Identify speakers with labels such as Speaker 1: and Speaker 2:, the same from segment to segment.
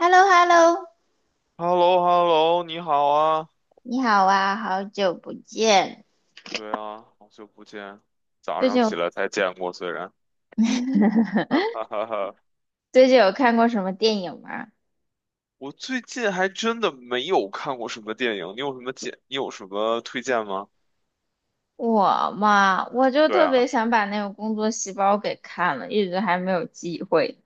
Speaker 1: h e l l o h e l l o
Speaker 2: h e l l o h e l l o 你好啊。
Speaker 1: 你好啊，好久不见。
Speaker 2: 对啊，好久不见，早
Speaker 1: 最
Speaker 2: 上
Speaker 1: 近
Speaker 2: 起
Speaker 1: 有
Speaker 2: 来才见过，虽然，哈哈哈哈。
Speaker 1: 最近有看过什么电影吗？
Speaker 2: 我最近还真的没有看过什么电影，你有什么推荐吗？
Speaker 1: 我嘛，我就
Speaker 2: 对
Speaker 1: 特别
Speaker 2: 啊，
Speaker 1: 想把那个《工作细胞》给看了，一直还没有机会。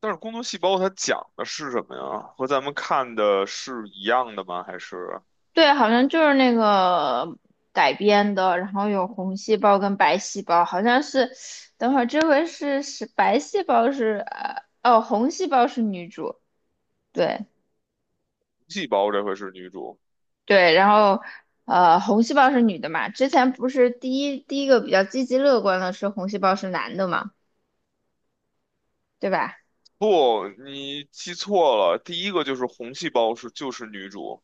Speaker 2: 但是《工作细胞》它讲的是什么呀？和咱们看的是一样的吗？还是
Speaker 1: 对，好像就是那个改编的，然后有红细胞跟白细胞，好像是。等会儿这回是白细胞是红细胞是女主，对。
Speaker 2: 细胞这回是女主？
Speaker 1: 对，然后红细胞是女的嘛？之前不是第一个比较积极乐观的是红细胞是男的嘛，对吧？
Speaker 2: 不，你记错了，第一个就是红细胞就是女主。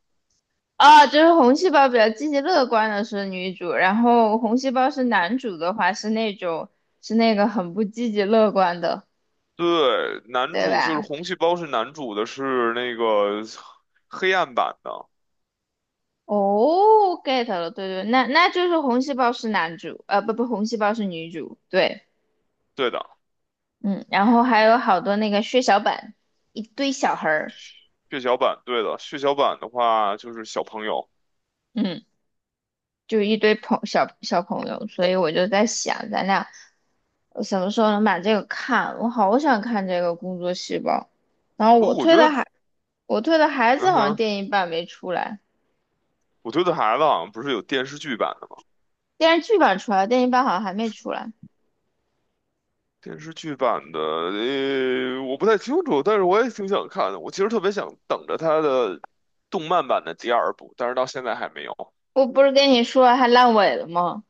Speaker 1: 啊，就是红细胞比较积极乐观的是女主，然后红细胞是男主的话是那种是那个很不积极乐观的，
Speaker 2: 对，男
Speaker 1: 对
Speaker 2: 主就是
Speaker 1: 吧？
Speaker 2: 红细胞是男主的，是那个黑暗版的。
Speaker 1: 哦，get 了，对对，那就是红细胞是男主，不不，红细胞是女主，对，
Speaker 2: 对的，
Speaker 1: 嗯，然后还有好多那个血小板，一堆小孩儿，
Speaker 2: 血小板，对的，血小板的话就是小朋友。
Speaker 1: 嗯。就一堆朋小小朋友，所以我就在想，咱俩什么时候能把这个看？我好想看这个《工作细胞》，然后
Speaker 2: 我觉得，
Speaker 1: 我推的孩子
Speaker 2: 嗯
Speaker 1: 好像
Speaker 2: 哼，
Speaker 1: 电影版没出来，
Speaker 2: 我觉得孩子好像不是有电视剧版的吗？
Speaker 1: 电视剧版出来了，电影版好像还没出来。
Speaker 2: 电视剧版的，我不太清楚，但是我也挺想看的。我其实特别想等着他的动漫版的第二部，但是到现在还没有。
Speaker 1: 我不是跟你说还烂尾了吗？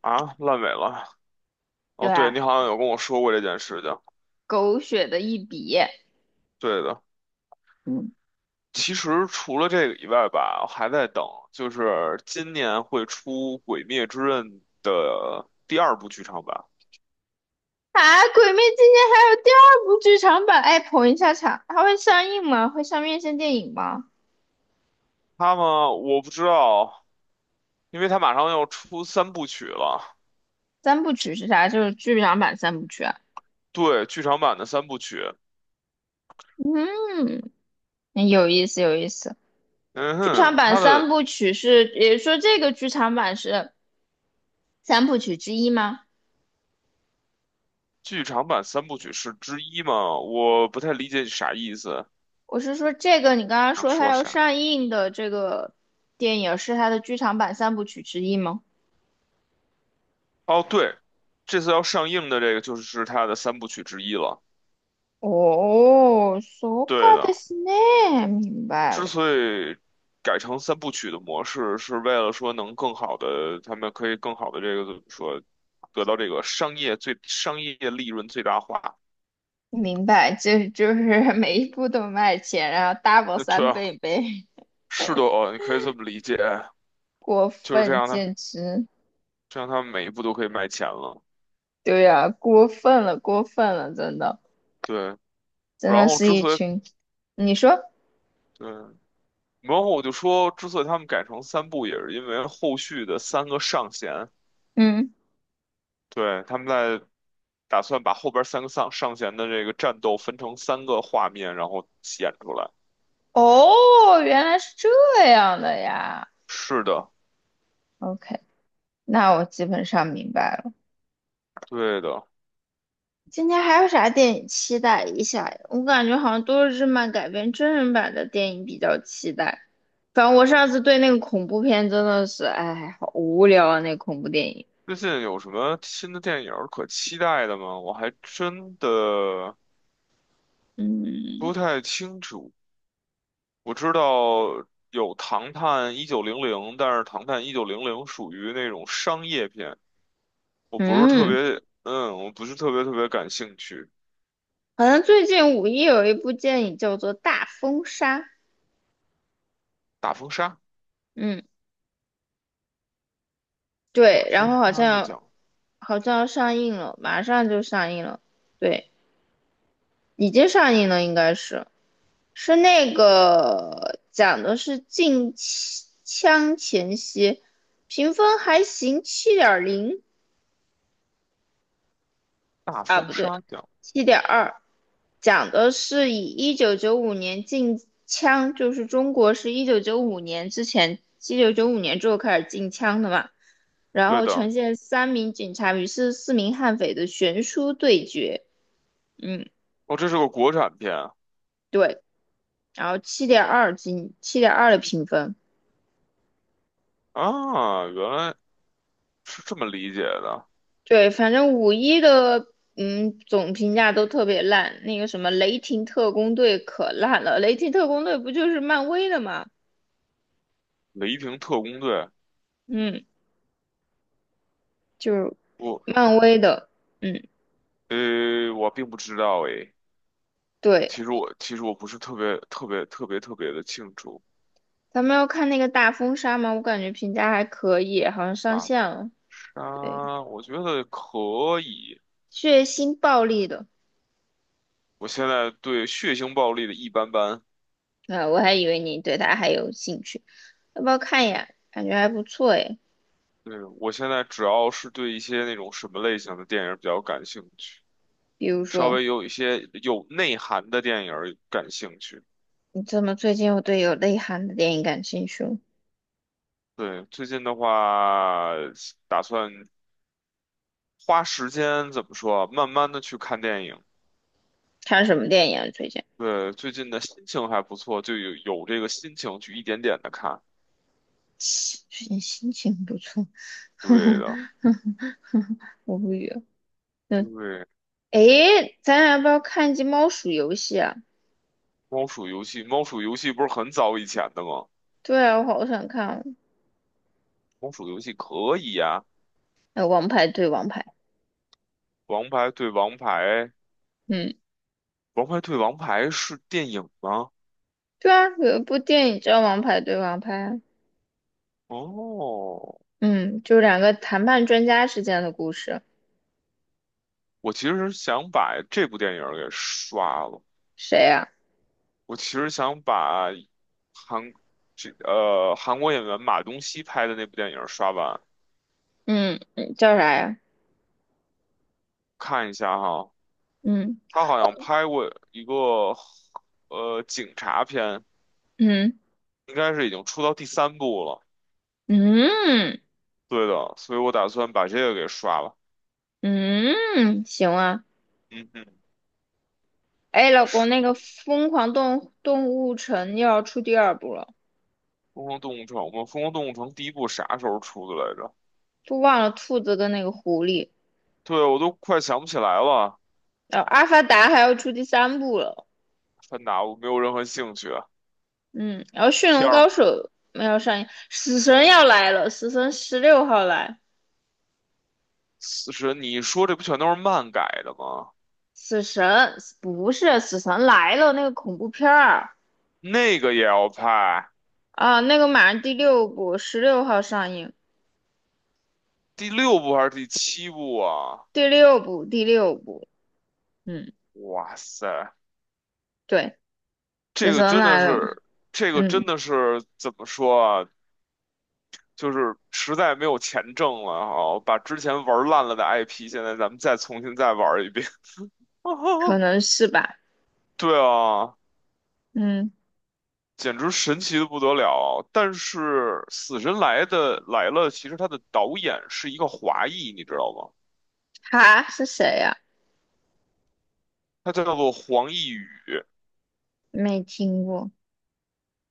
Speaker 2: 啊，烂尾了。
Speaker 1: 对
Speaker 2: 哦，对，
Speaker 1: 吧？
Speaker 2: 你好像有跟我说过这件事情，
Speaker 1: 狗血的一笔，
Speaker 2: 对的。
Speaker 1: 嗯。
Speaker 2: 其实除了这个以外吧，我还在等，就是今年会出《鬼灭之刃》的第二部剧场版。
Speaker 1: 啊，《鬼灭》今年还有第二部剧场版，哎，捧一下场，它会上映吗？会上院线电影吗？
Speaker 2: 它们我不知道，因为它马上要出三部曲了。
Speaker 1: 三部曲是啥？就是剧场版三部曲啊。
Speaker 2: 对，剧场版的三部曲。
Speaker 1: 嗯，嗯有意思，有意思。
Speaker 2: 嗯
Speaker 1: 剧场
Speaker 2: 哼，
Speaker 1: 版
Speaker 2: 它
Speaker 1: 三
Speaker 2: 的
Speaker 1: 部曲是，也就是说这个剧场版是三部曲之一吗？
Speaker 2: 剧场版三部曲是之一吗？我不太理解你啥意思，
Speaker 1: 我是说这个，你刚刚
Speaker 2: 想
Speaker 1: 说它
Speaker 2: 说
Speaker 1: 要
Speaker 2: 啥？
Speaker 1: 上映的这个电影是它的剧场版三部曲之一吗？
Speaker 2: 哦，对，这次要上映的这个就是它的三部曲之一了。
Speaker 1: 哦，そう
Speaker 2: 对
Speaker 1: かで
Speaker 2: 的。
Speaker 1: すね，明白
Speaker 2: 之
Speaker 1: 了，
Speaker 2: 所以改成三部曲的模式，是为了说能更好的，他们可以更好的这个怎么说，得到这个商业利润最大化。
Speaker 1: 明白，这就是每一部都卖钱，然后 double
Speaker 2: 那对
Speaker 1: 三
Speaker 2: 啊，
Speaker 1: 倍呗，
Speaker 2: 是的哦，你可以这么理解，
Speaker 1: 过
Speaker 2: 就是这
Speaker 1: 分，
Speaker 2: 样的，
Speaker 1: 简直，
Speaker 2: 这样他们每一步都可以卖钱了。
Speaker 1: 对呀、过分了，过分了，真的，
Speaker 2: 对。
Speaker 1: 真
Speaker 2: 然
Speaker 1: 的
Speaker 2: 后
Speaker 1: 是
Speaker 2: 之
Speaker 1: 一
Speaker 2: 所以
Speaker 1: 群，你说，
Speaker 2: 对，然后我就说，之所以他们改成三部，也是因为后续的三个上弦。
Speaker 1: 嗯。
Speaker 2: 对，他们在，打算把后边三个上弦的这个战斗分成三个画面，然后演出来。
Speaker 1: 哦，原来是这样的呀。
Speaker 2: 是的，
Speaker 1: OK，那我基本上明白了。
Speaker 2: 对的。
Speaker 1: 今天还有啥电影期待一下呀，我感觉好像都是日漫改编真人版的电影比较期待。反正我上次对那个恐怖片真的是，哎，好无聊啊，那恐怖电影。
Speaker 2: 最近有什么新的电影儿可期待的吗？我还真的
Speaker 1: 嗯
Speaker 2: 不太清楚。我知道有《唐探一九零零》，但是《唐探一九零零》属于那种商业片，
Speaker 1: 嗯，
Speaker 2: 我不是特别特别感兴趣。
Speaker 1: 好像最近五一有一部电影叫做《大风沙》。
Speaker 2: 大风沙，
Speaker 1: 嗯，
Speaker 2: 大
Speaker 1: 对，然
Speaker 2: 风
Speaker 1: 后好
Speaker 2: 沙的
Speaker 1: 像
Speaker 2: 奖，
Speaker 1: 好像要上映了，马上就上映了。对。已经上映了，应该是是那个讲的是禁枪前夕，评分还行，7.0。
Speaker 2: 大
Speaker 1: 啊，
Speaker 2: 风
Speaker 1: 不对，
Speaker 2: 沙奖，
Speaker 1: 七点二，讲的是以一九九五年禁枪，就是中国是一九九五年之前，一九九五年之后开始禁枪的嘛，然
Speaker 2: 对
Speaker 1: 后
Speaker 2: 的。
Speaker 1: 呈现三名警察与44名悍匪的悬殊对决，嗯，
Speaker 2: 哦，这是个国产片啊。
Speaker 1: 对，然后七点二的评分。
Speaker 2: 啊原来是这么理解的。
Speaker 1: 对，反正五一的嗯总评价都特别烂，那个什么雷霆特工队可烂了，雷霆特工队不就是漫威的嘛？
Speaker 2: 雷霆特工队，
Speaker 1: 嗯，就是
Speaker 2: 不？
Speaker 1: 漫威的，嗯，
Speaker 2: 我并不知道诶。
Speaker 1: 对，
Speaker 2: 其实我其实我不是特别特别特别特别的清楚。
Speaker 1: 咱们要看那个大风沙嘛，我感觉评价还可以，好像上
Speaker 2: 大
Speaker 1: 线了，对，
Speaker 2: 杀，我觉得可以。
Speaker 1: 血腥暴力的，
Speaker 2: 我现在对血腥暴力的一般般。
Speaker 1: 啊，我还以为你对它还有兴趣，要不要看一眼？感觉还不错诶，
Speaker 2: 对，我现在主要是对一些那种什么类型的电影比较感兴趣，
Speaker 1: 比如
Speaker 2: 稍
Speaker 1: 说
Speaker 2: 微有一些有内涵的电影儿感兴趣。
Speaker 1: 你怎么最近又对有内涵的电影感兴趣了？
Speaker 2: 对，最近的话，打算花时间怎么说啊慢慢的去看电影。
Speaker 1: 看什么电影啊最近？
Speaker 2: 对，最近的心情还不错，就有这个心情去一点点的看。
Speaker 1: 最近心情不错，
Speaker 2: 对的。
Speaker 1: 我无语了。嗯，
Speaker 2: 对，
Speaker 1: 诶，咱俩要不要看一集猫鼠游戏啊？
Speaker 2: 猫鼠游戏，猫鼠游戏不是很早以前的吗？
Speaker 1: 对啊，我好想看哦。
Speaker 2: 猫鼠游戏可以呀、
Speaker 1: 呃，王牌对王牌，
Speaker 2: 王牌对王牌，
Speaker 1: 嗯，
Speaker 2: 王牌对王牌是电影吗？
Speaker 1: 对啊，有一部电影叫《王牌对王牌》啊。
Speaker 2: 哦，
Speaker 1: 嗯，就是两个谈判专家之间的故事。
Speaker 2: 我其实想把这部电影给刷了。
Speaker 1: 谁呀、
Speaker 2: 我其实想把韩韩国演员马东锡拍的那部电影刷完，
Speaker 1: 嗯嗯，叫啥呀？
Speaker 2: 看一下哈。
Speaker 1: 嗯
Speaker 2: 他好像拍过一个警察片，
Speaker 1: 嗯
Speaker 2: 应该是已经出到第三部了。
Speaker 1: 嗯
Speaker 2: 对的，所以我打算把这个给刷了。
Speaker 1: 嗯，行啊。
Speaker 2: 嗯哼，
Speaker 1: 哎，老公，
Speaker 2: 是
Speaker 1: 那个《疯狂动物城》又要出第二部了，
Speaker 2: 《疯狂动物城》吗？《疯狂动物城》第一部啥时候出的来着？
Speaker 1: 都忘了兔子跟那个狐狸。
Speaker 2: 对，我都快想不起来了。
Speaker 1: 然后《阿凡达》还要出第三部了，
Speaker 2: 芬达，我没有任何兴趣。
Speaker 1: 嗯，然后《驯龙
Speaker 2: 天儿，
Speaker 1: 高手》没有上映，死神要来了，死神十六号来，
Speaker 2: 死神，你说这不全都是漫改的吗？
Speaker 1: 死神不是死神来了那个恐怖片儿
Speaker 2: 那个也要拍。
Speaker 1: 啊，那个马上第六部十六号上映，
Speaker 2: 第六部还是第七部啊？
Speaker 1: 第六部第六部，嗯，
Speaker 2: 哇塞，
Speaker 1: 对，死
Speaker 2: 这个
Speaker 1: 神
Speaker 2: 真的
Speaker 1: 来了，
Speaker 2: 是，这个真
Speaker 1: 嗯，
Speaker 2: 的是怎么说啊？就是实在没有钱挣了啊，哦把之前玩烂了的 IP，现在咱们再重新再玩一遍。
Speaker 1: 可 能是吧，
Speaker 2: 对啊，
Speaker 1: 嗯，
Speaker 2: 简直神奇的不得了。但是《死神来了》，其实它的导演是一个华裔，你知道吗？
Speaker 1: 哈是谁呀、
Speaker 2: 他叫做黄奕宇。
Speaker 1: 没听过，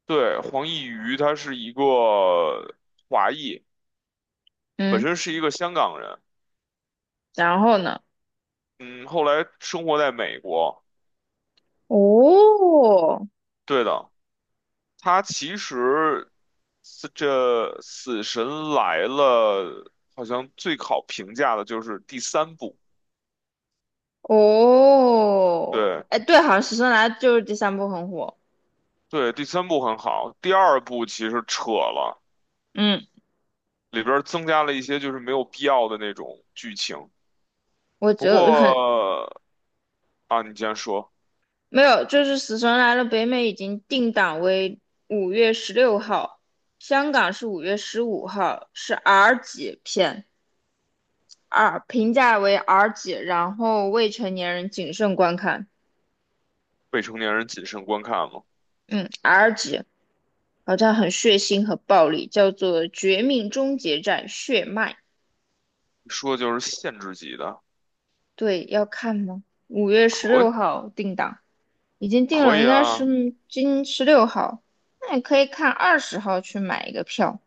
Speaker 2: 对，黄奕瑜，他是一个华裔，本
Speaker 1: 嗯，
Speaker 2: 身是一个香港人。
Speaker 1: 然后呢？
Speaker 2: 嗯，后来生活在美国。
Speaker 1: 哦，
Speaker 2: 对的，它其实是这《死神来了》好像最好评价的就是第三部。
Speaker 1: 哦，
Speaker 2: 对
Speaker 1: 哎，对，好像《死神来了》就是第三部很火。
Speaker 2: 对，第三部很好，第二部其实扯了，
Speaker 1: 嗯，
Speaker 2: 里边儿增加了一些就是没有必要的那种剧情。
Speaker 1: 我
Speaker 2: 不
Speaker 1: 就很
Speaker 2: 过啊，你既然说
Speaker 1: 没有，就是《死神来了》北美已经定档为五月十六号，香港是5月15号，是 R 级片，R 评价为 R 级，然后未成年人谨慎观看。
Speaker 2: 未成年人谨慎观看嘛，
Speaker 1: 嗯，R 级好像很血腥和暴力，叫做《绝命终结战：血脉》。
Speaker 2: 说就是限制级的，
Speaker 1: 对，要看吗？五月十
Speaker 2: 可
Speaker 1: 六
Speaker 2: 以
Speaker 1: 号定档。已经定
Speaker 2: 可
Speaker 1: 了，
Speaker 2: 以
Speaker 1: 应该
Speaker 2: 啊，
Speaker 1: 是今十六号，那你可以看20号去买一个票，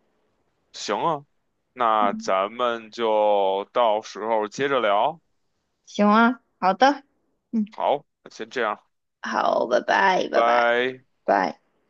Speaker 2: 行啊，那咱们就到时候接着聊，
Speaker 1: 行啊，好的，嗯，
Speaker 2: 好，那先这样。
Speaker 1: 好，拜拜，拜拜。
Speaker 2: 拜。
Speaker 1: 拜。